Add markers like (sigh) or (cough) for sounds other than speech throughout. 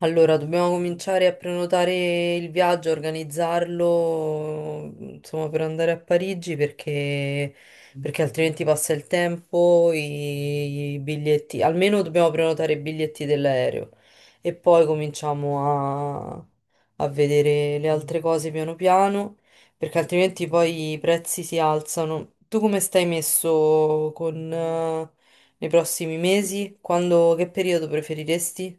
Allora, dobbiamo cominciare a prenotare il viaggio, organizzarlo, insomma, per andare a Parigi perché altrimenti passa il tempo, i biglietti, almeno dobbiamo prenotare i biglietti dell'aereo e poi cominciamo a vedere le altre cose piano piano perché altrimenti poi i prezzi si alzano. Tu come stai messo con, nei prossimi mesi? Quando, che periodo preferiresti?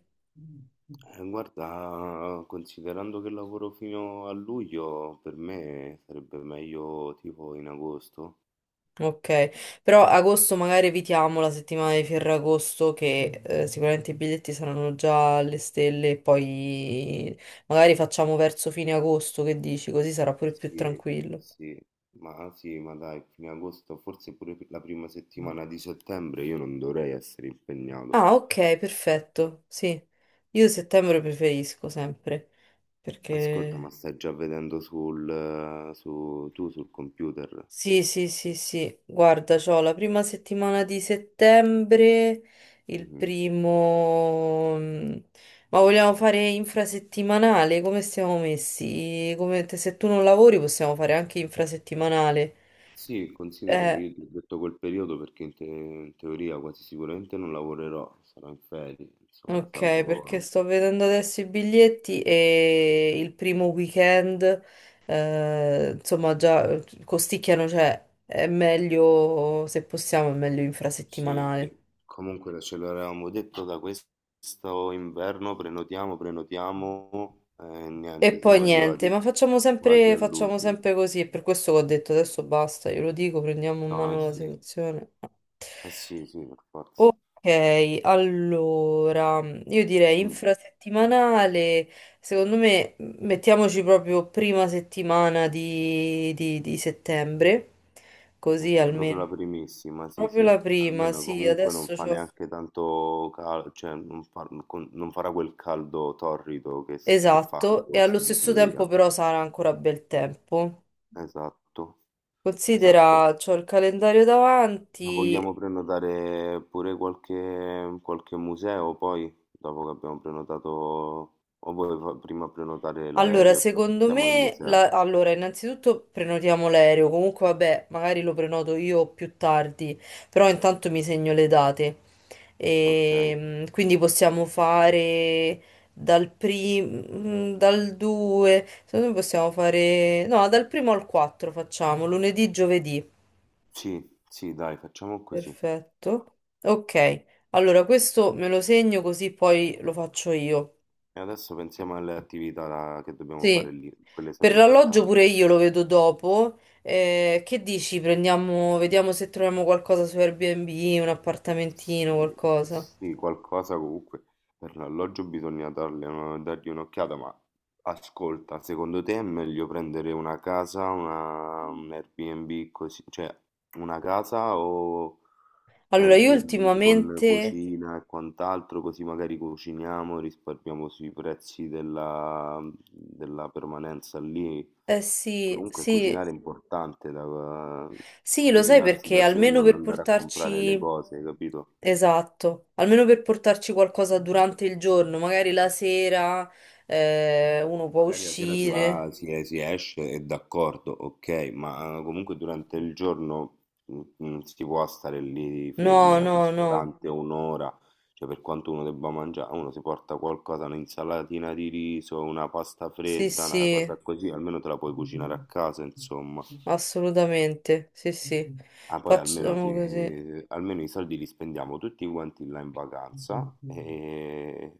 Guarda, considerando che lavoro fino a luglio, per me sarebbe meglio tipo in agosto. Ok, però agosto magari evitiamo la settimana di Ferragosto che sicuramente i biglietti saranno già alle stelle e poi magari facciamo verso fine agosto, che dici? Così sarà pure più Sì, tranquillo. sì, sì, ma dai, fine agosto, forse pure la prima settimana di settembre io non dovrei essere impegnato. Ah, ok, perfetto, sì. Io settembre preferisco sempre Ascolta, ma perché. stai già vedendo su, tu sul computer? Sì, sì, sì, sì, guarda, c'ho la prima settimana di settembre, il Mhm. primo. Ma vogliamo fare infrasettimanale? Come stiamo messi? Se tu non lavori possiamo fare anche infrasettimanale. Sì, considera che Eh, io ti ho detto quel periodo perché in teoria quasi sicuramente non lavorerò, sarò in ferie, insomma, ok, perché salvo. sto vedendo adesso i biglietti e il primo weekend, insomma, già costicchiano, cioè è meglio, se possiamo, è meglio Sì, infrasettimanale. comunque ce l'avevamo detto da questo inverno, prenotiamo e E niente, poi siamo niente, arrivati ma quasi facciamo all'ultimo. sempre così, e per questo che ho detto adesso basta, glielo dico, prendiamo in No, mano la eh situazione. sì, sì, per forza. Ok, allora, io direi Quindi, infrasettimanale, secondo me mettiamoci proprio prima settimana di settembre, così ok, proprio almeno. la primissima, sì, Proprio sì. la prima, Almeno sì, comunque non adesso fa c'ho. neanche tanto caldo, cioè non, fa- con- non farà quel caldo torrido che fa Esatto, e allo agosto in stesso tempo teoria. però sarà ancora bel tempo. Esatto, esatto. Considera, c'ho il calendario Ma davanti. vogliamo prenotare pure qualche museo poi, dopo che abbiamo prenotato, o vuoi prima prenotare Allora, l'aereo e poi secondo pensiamo al me, museo? Allora, innanzitutto prenotiamo l'aereo. Comunque, vabbè, magari lo prenoto io più tardi, però intanto mi segno le date. Ok, E, quindi possiamo fare dal primo, dal 2, secondo me possiamo fare, no, dal primo al 4 facciamo, lunedì, giovedì. sì, sì, dai, facciamo così. Perfetto. Ok, allora questo me lo segno così poi lo faccio io. E adesso pensiamo alle attività che dobbiamo fare Sì. lì, quelle sono Per l'alloggio importanti. pure io lo vedo dopo. Che dici? Prendiamo, vediamo se troviamo qualcosa su Airbnb, un appartamentino, Sì, qualcosa. sì, qualcosa comunque per l'alloggio bisogna dargli un'occhiata, ma ascolta, secondo te è meglio prendere un Airbnb, così, cioè una casa o Allora, io Airbnb con ultimamente, cucina e quant'altro, così magari cuciniamo, risparmiamo sui prezzi della, della permanenza lì. eh sì, Comunque sì, cucinare è importante, da, sì, lo sai cucinarsi perché da sé e almeno non per andare a comprare le portarci, cose, capito? esatto, almeno per portarci qualcosa durante il giorno, magari la sera, uno può Magari la sera si uscire. va, si esce, è d'accordo, ok, ma comunque durante il giorno non si può stare lì No, fermi al no, no, ristorante un'ora, cioè per quanto uno debba mangiare, uno si porta qualcosa, un'insalatina di riso, una pasta sì, fredda, una sì. cosa così, almeno te la puoi cucinare a casa, insomma. Assolutamente, sì, sì. Ah, poi almeno, Facciamo così. Almeno i soldi li spendiamo tutti quanti là in vacanza e...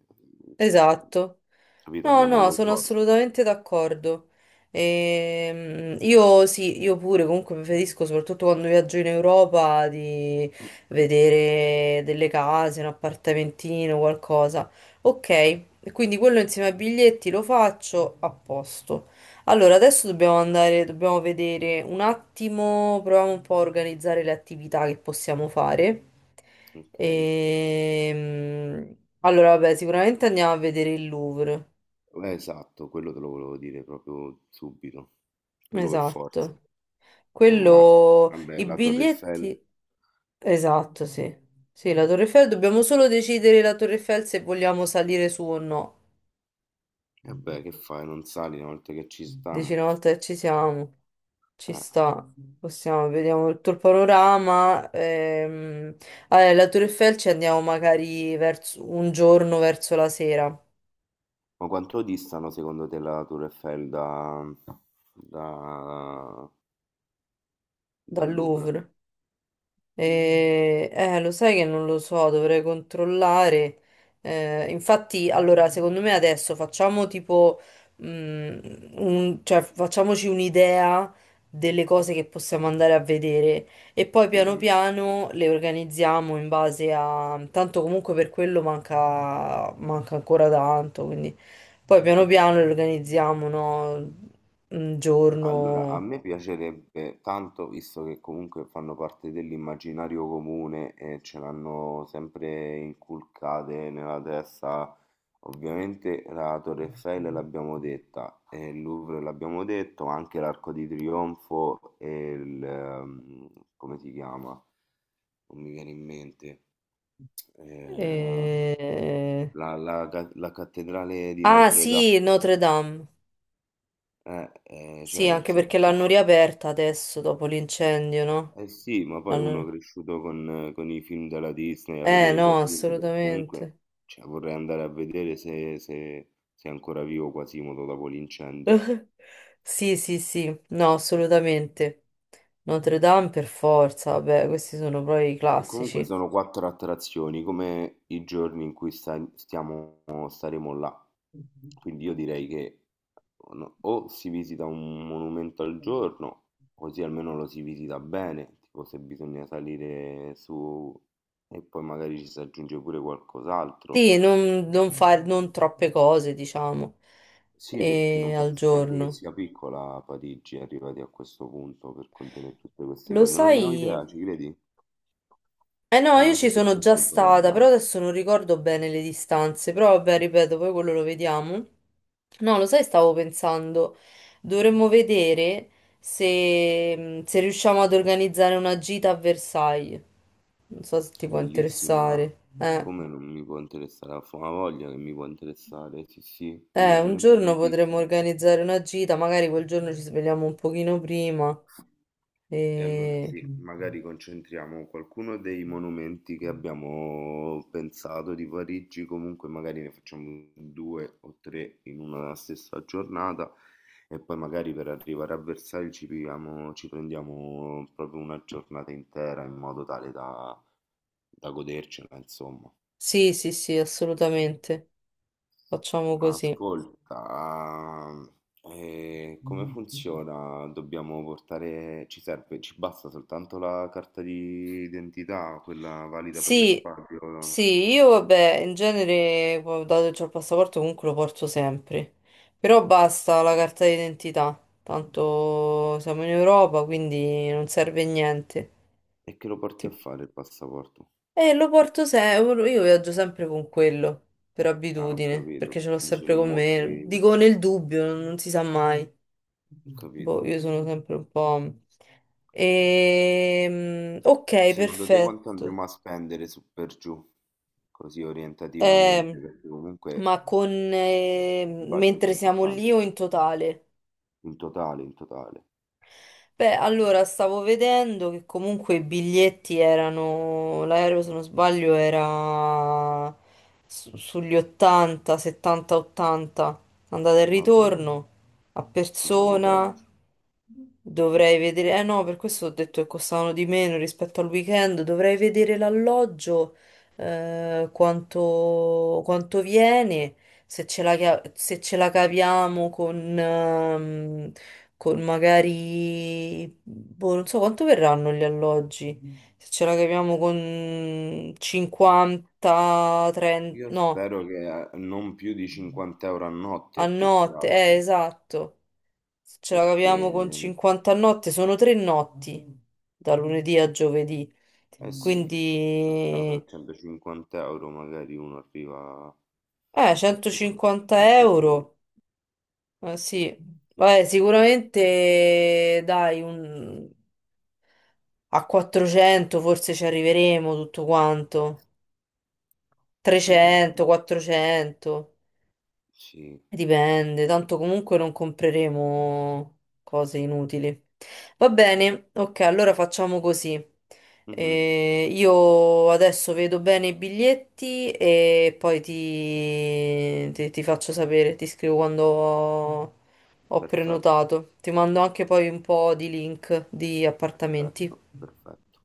Cioè, Esatto. capito, No, andiamo no, sono all'opposto. assolutamente d'accordo. Io sì, io pure comunque preferisco, soprattutto quando viaggio in Europa, di (clears throat) vedere delle case, un appartamentino, qualcosa. Ok, e quindi quello insieme ai biglietti lo faccio a posto. Allora, adesso dobbiamo andare, dobbiamo vedere un attimo, proviamo un po' a organizzare le attività che possiamo fare. Ok. Ehm, allora, vabbè, sicuramente andiamo a vedere il Louvre. Esatto, quello te lo volevo dire proprio subito. Quello per forza. Esatto. Un mal. Quello, Vabbè, i la Torre Eiffel. biglietti, esatto, sì. Sì, la Torre Eiffel, dobbiamo solo decidere la Torre Eiffel se vogliamo salire su o no. E beh, che fai? Non sali una volta che ci Dici una stiamo. volta che ci siamo, ci Eh. sta, possiamo, vediamo tutto il panorama. Allora, la Torre Eiffel ci andiamo magari verso, un giorno verso la sera, Ma quanto distano secondo te la Torre Eiffel da, dal dal Louvre? Louvre. Lo sai che non lo so, dovrei controllare. Infatti, allora, secondo me adesso facciamo tipo, mm, cioè, facciamoci un'idea delle cose che possiamo andare a vedere e poi piano Mhm, piano le organizziamo in base a. Tanto comunque per quello manca ancora tanto, quindi poi piano mhm. piano le organizziamo, no? Un Allora, a giorno. me piacerebbe tanto, visto che comunque fanno parte dell'immaginario comune e ce l'hanno sempre inculcate nella testa, ovviamente la Torre Eiffel l'abbiamo detta, e il Louvre l'abbiamo detto, ma anche l'Arco di Trionfo e il... come si chiama? Non mi viene in mente. Eh, eh, la cattedrale di Ah Notre Dame, sì, Notre Dame. Sì, cioè nel anche perché l'hanno senso... riaperta adesso dopo l'incendio, no? Eh sì, ma poi uno L'hanno- cresciuto con i film della Disney, a Eh vedere no, Quasimodo, comunque, assolutamente. cioè, vorrei andare a vedere se è ancora vivo Quasimodo dopo l'incendio. (laughs) Sì, sì, sì, no, assolutamente. Notre Dame per forza, vabbè, questi sono proprio i E comunque classici. sono quattro attrazioni, come i giorni in cui staremo là. Quindi io direi che no, o si visita un monumento al giorno, così almeno lo si visita bene, tipo se bisogna salire su e poi magari ci si aggiunge pure qualcos'altro. Sì, non fare non troppe cose, diciamo, Sì, perché non al penso neanche che giorno. sia piccola Parigi, arrivati a questo punto per contenere tutte queste Lo cose. Non ne ho idea, sai? ci credi? Eh no, E io ci anche per sono già questo vorrei stata, però andare. adesso non ricordo bene le distanze, però vabbè, ripeto, poi quello lo vediamo. No, lo sai, stavo pensando, dovremmo vedere se riusciamo ad organizzare una gita a Versailles. Non so se ti può Bellissima, interessare. Come non mi può interessare la fama voglia che mi può interessare, sì, sì, mi Un piacerebbe giorno potremmo tantissimo. organizzare una gita, magari quel giorno ci svegliamo un pochino prima. E allora E. sì, magari concentriamo qualcuno dei monumenti che abbiamo pensato di Parigi, comunque magari ne facciamo due o tre in una stessa giornata e poi magari per arrivare a Versailles ci prendiamo proprio una giornata intera in modo tale da, da godercela, insomma. Sì, sì, sì, assolutamente. Facciamo Ma così. ascolta, come funziona? Dobbiamo portare, ci serve, ci basta soltanto la carta di identità, quella valida per Sì, l'espatrio? sì, io vabbè, in genere, poi, dato che ho il passaporto, comunque lo porto sempre. Però Ok. basta la carta d'identità, tanto siamo in Europa, quindi non serve niente. E che lo porti a Tipo- fare il passaporto? E lo porto sempre, io viaggio sempre con quello, per Ah, ho abitudine, perché capito. ce l'ho Dici sempre non con me. mostri, Dico nel dubbio, non si sa mai. ho Boh, capito. io sono sempre un po'. Ok, Secondo te quanto perfetto. andremo a spendere su per giù? Così Eh, orientativamente, perché comunque ma con il budget è mentre siamo lì importante. o in totale? In totale, in totale. Beh, allora stavo vedendo che comunque i biglietti erano, l'aereo se non sbaglio era sugli 80, 70, 80, andata e Vabbè, dai, ritorno a pensavo persona. peggio. Dovrei vedere, eh no, per questo ho detto che costavano di meno rispetto al weekend. Dovrei vedere l'alloggio, quanto viene se ce la caviamo con magari, boh, non so quanto verranno gli alloggi, se ce la caviamo con 50, 30, Io no, spero che non più di 50 euro a a notte, più che notte, altro, esatto, se ce la perché caviamo con 50 a notte, sono 3 notti, da lunedì a giovedì, eh Mm. sì, il mercato a quindi, 150 euro magari uno arriva, arriva 150 a dormire. euro, sì. Vabbè, sicuramente dai, un A 400 forse ci arriveremo tutto quanto. Sì, penso, 300, 400. sì. Dipende, tanto comunque non compreremo cose inutili. Va bene, ok, allora facciamo così. Mhm. Io adesso vedo bene i biglietti e poi ti faccio sapere, ti scrivo quando ho Perfetto, prenotato. Ti mando anche poi un po' di link di perfetto, appartamenti. perfetto.